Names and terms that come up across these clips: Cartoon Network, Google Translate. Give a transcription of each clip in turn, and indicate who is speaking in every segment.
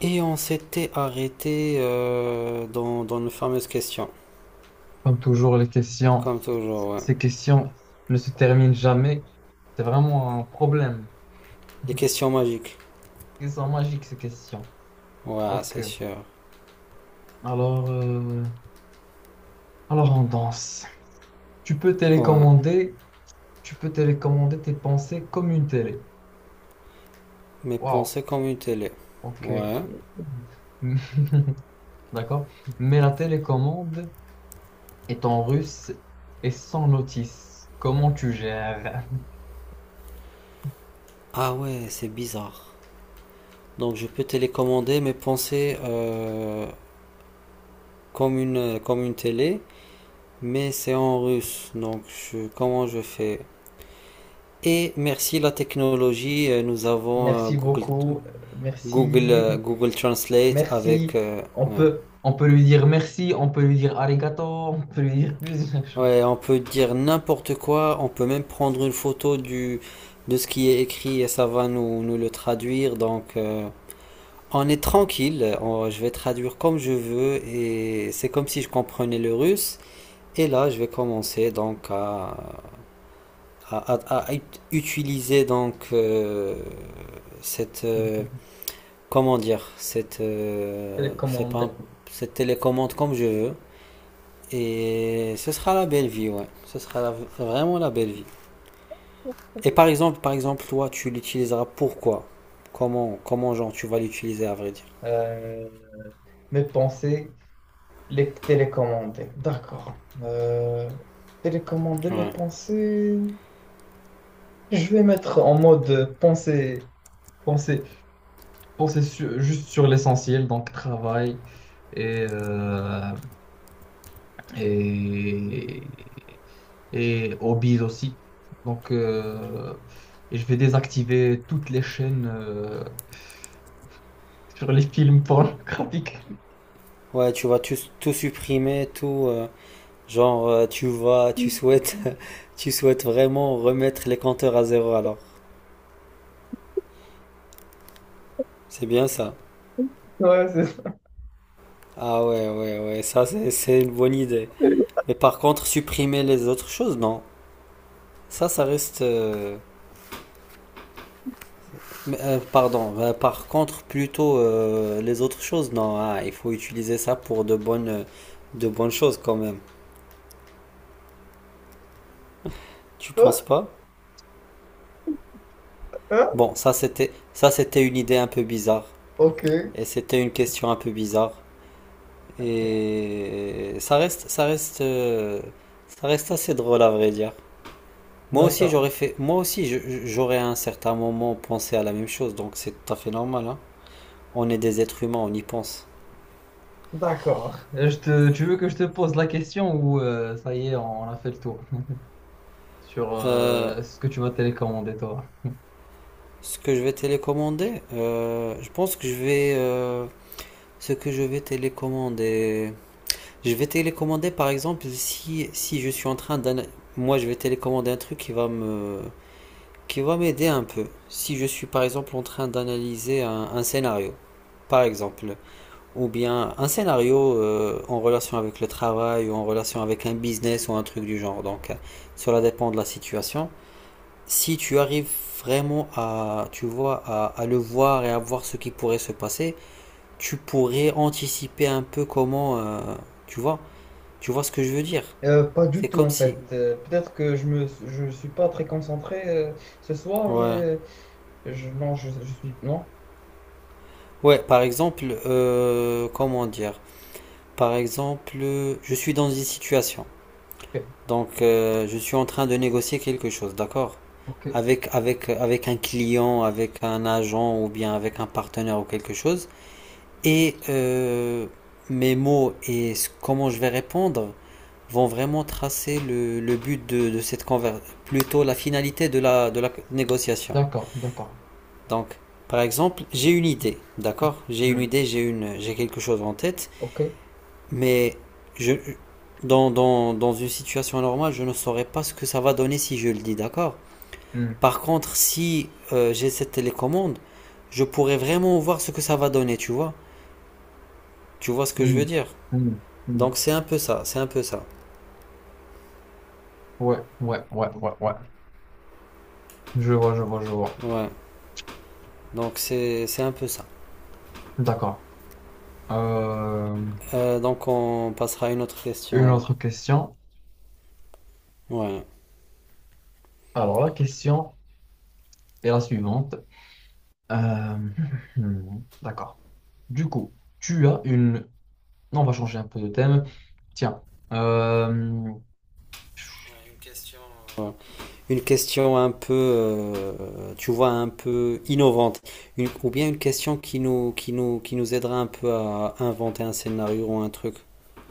Speaker 1: Et on s'était arrêté dans nos fameuses questions,
Speaker 2: Comme toujours, les questions,
Speaker 1: comme toujours, ouais.
Speaker 2: ces questions ne se terminent jamais. C'est vraiment un problème.
Speaker 1: Les questions magiques.
Speaker 2: Ils sont magiques, ces questions.
Speaker 1: Ouais,
Speaker 2: Ok.
Speaker 1: c'est sûr.
Speaker 2: Alors, euh, alors on danse. Tu peux
Speaker 1: Ouais.
Speaker 2: télécommander, tu peux télécommander tes pensées comme une télé.
Speaker 1: Mais
Speaker 2: Waouh.
Speaker 1: penser comme une télé.
Speaker 2: Ok.
Speaker 1: Ouais.
Speaker 2: D'accord. Mais la télécommande est en russe et sans notice. Comment tu gères?
Speaker 1: Ah ouais, c'est bizarre. Donc je peux télécommander mes pensées comme une télé, mais c'est en russe. Donc comment je fais? Et merci la technologie, nous avons
Speaker 2: Merci
Speaker 1: Google,
Speaker 2: beaucoup. Merci.
Speaker 1: Google Translate avec.
Speaker 2: Merci. On
Speaker 1: Ouais.
Speaker 2: peut, on peut lui dire merci, on peut lui dire arigato, on peut lui dire plusieurs choses.
Speaker 1: Ouais, on peut dire n'importe quoi, on peut même prendre une photo de ce qui est écrit et ça va nous le traduire. Donc, on est tranquille, je vais traduire comme je veux et c'est comme si je comprenais le russe. Et là, je vais commencer donc à utiliser donc cette, euh, comment dire, cette, c'est pas un-
Speaker 2: Télécommande.
Speaker 1: cette télécommande comme je veux. Et ce sera la belle vie, ouais. Ce sera vraiment la belle vie. Et par exemple, toi, tu l'utiliseras pourquoi? Comment, genre, tu vas l'utiliser, à vrai dire?
Speaker 2: Euh, Mes pensées, les télécommander. D'accord. Télécommander mes
Speaker 1: Ouais.
Speaker 2: pensées. Je vais mettre en mode pensée, pensée, juste sur l'essentiel, donc travail et, euh, et et hobbies aussi. Donc je vais désactiver toutes les chaînes sur les films pornographiques.
Speaker 1: Ouais, tu vas tout supprimer, tout, genre, tu souhaites, tu souhaites vraiment remettre les compteurs à zéro, alors. C'est bien ça.
Speaker 2: Ouais, c'est ça.
Speaker 1: Ah ouais, ouais, ouais, ça, c'est une bonne idée. Mais par contre, supprimer les autres choses, non. Ça reste. Mais, pardon. Par contre, plutôt les autres choses, non. Ah, il faut utiliser ça pour de bonnes choses quand même. Tu penses
Speaker 2: Toi,
Speaker 1: pas?
Speaker 2: hein?
Speaker 1: Bon, ça c'était une idée un peu bizarre
Speaker 2: Ok.
Speaker 1: et c'était une question un peu bizarre
Speaker 2: Ok.
Speaker 1: et ça reste assez drôle à vrai dire. Moi aussi
Speaker 2: D'accord.
Speaker 1: j'aurais fait moi aussi je- j'aurais à un certain moment pensé à la même chose donc c'est tout à fait normal, hein. On est des êtres humains, on y pense.
Speaker 2: D'accord. Tu veux que je te pose la question ou ça y est, on a fait le tour sur
Speaker 1: Euh,
Speaker 2: ce que tu vas télécommander, toi?
Speaker 1: Ce que je vais télécommander, je pense que je vais ce que je vais télécommander. Je vais télécommander par exemple si, je suis en train d'un. Moi je vais télécommander un truc qui va m'aider un peu. Si je suis par exemple en train d'analyser un scénario, par exemple, ou bien un scénario en relation avec le travail, ou en relation avec un business ou un truc du genre. Donc cela dépend de la situation. Si tu arrives vraiment tu vois, à le voir et à voir ce qui pourrait se passer, tu pourrais anticiper un peu comment. Tu vois. Tu vois ce que je veux dire,
Speaker 2: Pas du
Speaker 1: c'est
Speaker 2: tout
Speaker 1: comme
Speaker 2: en
Speaker 1: si.
Speaker 2: fait. Peut-être que je suis pas très concentré ce soir, mais
Speaker 1: Ouais.
Speaker 2: non, je suis non.
Speaker 1: Ouais, par exemple, comment dire? Par exemple, je suis dans une situation.
Speaker 2: Ok,
Speaker 1: Donc, je suis en train de négocier quelque chose, d'accord?
Speaker 2: ok.
Speaker 1: Avec un client, avec un agent ou bien avec un partenaire ou quelque chose. Et mes mots et comment je vais répondre vont vraiment tracer le but de cette conversation, plutôt la finalité de la négociation.
Speaker 2: D'accord, d'accord.
Speaker 1: Donc, par exemple, j'ai une idée,
Speaker 2: Hmm.
Speaker 1: d'accord. J'ai une
Speaker 2: Hmm.
Speaker 1: idée, j'ai quelque chose en tête,
Speaker 2: Ok.
Speaker 1: mais je, dans une situation normale, je ne saurais pas ce que ça va donner si je le dis, d'accord.
Speaker 2: Hmm.
Speaker 1: Par contre, si j'ai cette télécommande, je pourrais vraiment voir ce que ça va donner, tu vois. Tu vois ce que je veux
Speaker 2: Hmm.
Speaker 1: dire.
Speaker 2: Hmm. Hmm.
Speaker 1: Donc, c'est un peu ça, c'est un peu ça.
Speaker 2: Ouais, ouais, ouais, ouais, ouais. Je vois, je vois, je vois.
Speaker 1: Ouais, donc c'est un peu ça.
Speaker 2: D'accord. Euh,
Speaker 1: Donc, on passera à une autre question
Speaker 2: une
Speaker 1: alors.
Speaker 2: autre question.
Speaker 1: Ouais.
Speaker 2: Alors, la question est la suivante. Euh, D'accord. Du coup, tu as une... Non, on va changer un peu de thème. Tiens. Euh,
Speaker 1: Une question. Ouais. Une question un peu, tu vois, un peu innovante. Ou bien une question qui nous aidera un peu à inventer un scénario ou un truc.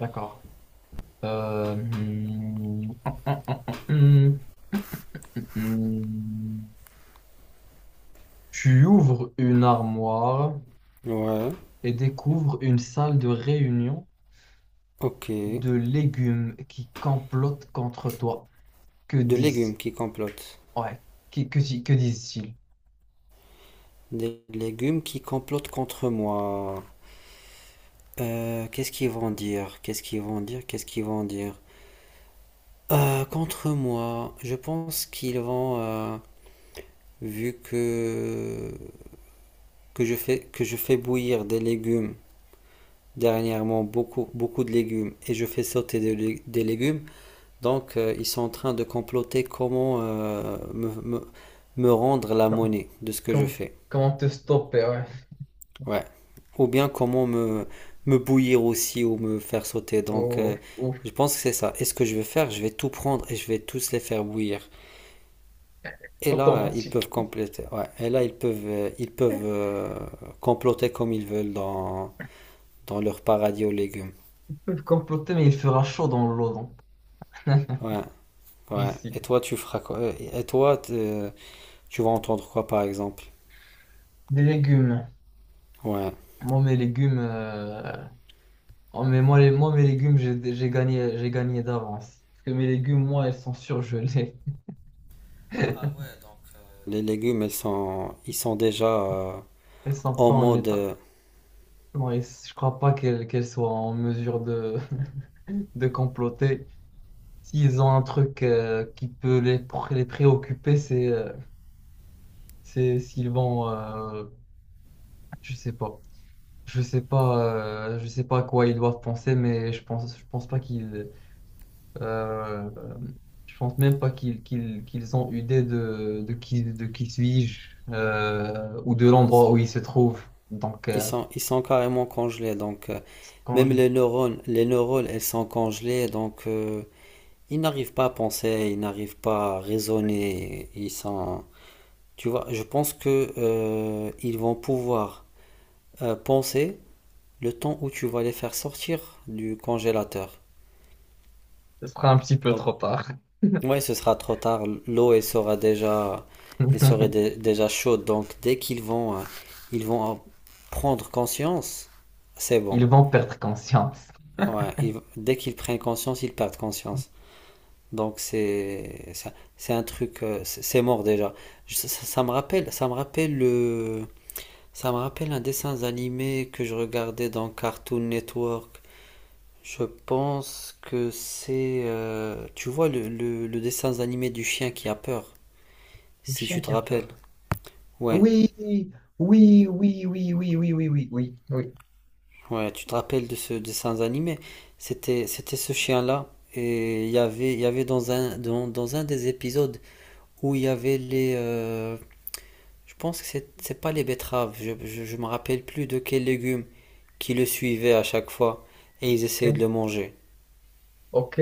Speaker 2: D'accord. Hmm, hmm, hmm, hmm, hmm, hmm. Tu ouvres une armoire
Speaker 1: Ouais,
Speaker 2: et découvre une salle de réunion
Speaker 1: ok.
Speaker 2: de légumes qui complotent contre toi. Que
Speaker 1: De
Speaker 2: disent,
Speaker 1: légumes qui complotent.
Speaker 2: ouais, que disent-ils?
Speaker 1: Des légumes qui complotent contre moi. Qu'est-ce qu'ils vont dire? Qu'est-ce qu'ils vont dire? Qu'est-ce qu'ils vont dire? Contre moi, je pense qu'ils vont, vu que je fais bouillir des légumes dernièrement, beaucoup, beaucoup de légumes et je fais sauter des légumes. Donc, ils sont en train de comploter comment me rendre la monnaie de ce que je
Speaker 2: Comment,
Speaker 1: fais.
Speaker 2: comment te stopper, ouais.
Speaker 1: Ouais. Ou bien comment me bouillir aussi ou me faire sauter. Donc,
Speaker 2: Oh, oh,
Speaker 1: je pense que c'est ça. Et ce que je vais faire, je vais tout prendre et je vais tous les faire bouillir. Et là, ils peuvent
Speaker 2: automatique.
Speaker 1: compléter. Ouais. Et là, ils peuvent comploter comme ils veulent dans leur paradis aux légumes.
Speaker 2: Ils peuvent comploter, mais il fera chaud dans l'eau, donc.
Speaker 1: Ouais. Ouais.
Speaker 2: Ici.
Speaker 1: Et toi, tu feras quoi? Et toi, tu vas entendre quoi, par exemple?
Speaker 2: Des légumes.
Speaker 1: Ouais.
Speaker 2: Moi, mes légumes, oh, mais moi, les, moi, Mes légumes, j'ai gagné d'avance. Parce que mes légumes, moi, elles sont surgelées.
Speaker 1: Les légumes, ils sont déjà
Speaker 2: Elles sont
Speaker 1: en
Speaker 2: pas en
Speaker 1: mode.
Speaker 2: état. Non, et je crois pas qu'elles soient en mesure de de comploter. S'ils ont un truc qui peut les préoccuper, c'est s'ils vont, je sais pas, je sais pas, je sais pas à quoi ils doivent penser, mais je pense pas qu'ils, euh, je pense même pas qu'ils ont idée de, de qui suis-je ou de
Speaker 1: Ils sont.
Speaker 2: l'endroit où ils se trouvent.
Speaker 1: Ils sont carrément congelés. Donc,
Speaker 2: Quand
Speaker 1: même
Speaker 2: je,
Speaker 1: les neurones, elles sont congelées. Donc, ils n'arrivent pas à penser, ils n'arrivent pas à raisonner. Ils sont. Tu vois, je pense que ils vont pouvoir penser le temps où tu vas les faire sortir du congélateur.
Speaker 2: Ce sera un petit peu trop
Speaker 1: Donc,
Speaker 2: tard.
Speaker 1: ouais, ce sera trop tard. L'eau, elle sera déjà, elle serait déjà chaude. Donc, dès qu'ils vont, ils vont prendre conscience, c'est bon.
Speaker 2: Ils vont perdre conscience.
Speaker 1: Ouais, dès qu'ils prennent conscience, ils perdent conscience. Donc, c'est un truc, c'est mort déjà. Ça, ça me rappelle un dessin animé que je regardais dans Cartoon Network. Je pense que tu vois le dessin animé du chien qui a peur.
Speaker 2: Le
Speaker 1: Si tu
Speaker 2: chien
Speaker 1: te
Speaker 2: qui a
Speaker 1: rappelles.
Speaker 2: peur.
Speaker 1: Ouais,
Speaker 2: Oui, oui, oui, oui, oui, oui, oui, oui, oui, oui,
Speaker 1: ouais, tu te rappelles de ce dessin animé. C'était ce chien-là. Et il y avait dans dans un des épisodes où il y avait les. Je pense que c'est pas les betteraves. Je me rappelle plus de quels légumes qui le suivaient à chaque fois. Et ils essayaient de
Speaker 2: ok,
Speaker 1: le manger.
Speaker 2: ok.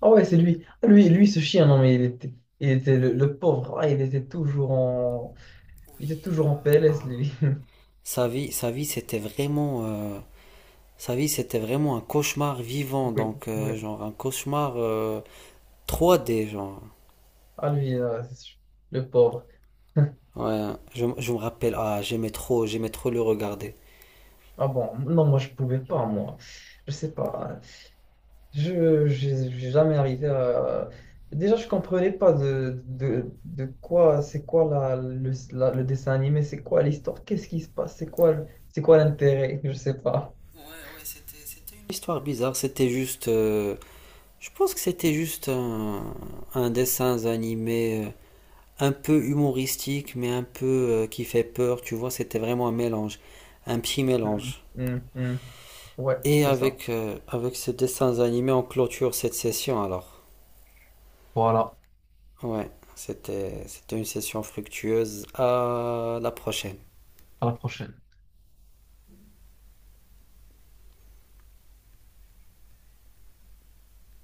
Speaker 2: Ah ouais, c'est lui. Ah, lui, ce chien, non, mais il était le pauvre, ah, il était toujours en, il était toujours en PLS, lui.
Speaker 1: Sa vie, c'était vraiment un cauchemar vivant.
Speaker 2: Oui,
Speaker 1: Donc,
Speaker 2: oui.
Speaker 1: genre, un cauchemar 3D, genre.
Speaker 2: Ah, lui, là, c'est sûr. Le pauvre.
Speaker 1: Ouais, je me rappelle, ah, j'aimais trop le regarder.
Speaker 2: Ah bon, non, moi, je pouvais pas, moi. Je sais pas. J'ai jamais arrivé à... Déjà, je comprenais pas de quoi, c'est quoi la- le dessin animé, c'est quoi l'histoire, qu'est-ce qui se passe, c'est quoi l'intérêt, je sais pas.
Speaker 1: Ouais, ouais, c'était une histoire bizarre, c'était juste, je pense que c'était juste un dessin animé un peu humoristique, mais un peu qui fait peur, tu vois, c'était vraiment un mélange, un petit
Speaker 2: Mm.
Speaker 1: mélange.
Speaker 2: Hum, hum. Ouais,
Speaker 1: Et
Speaker 2: c'est ça.
Speaker 1: avec ces dessins animés, on clôture cette session alors.
Speaker 2: Voilà,
Speaker 1: Ouais, c'était une session fructueuse. À la prochaine.
Speaker 2: à la prochaine.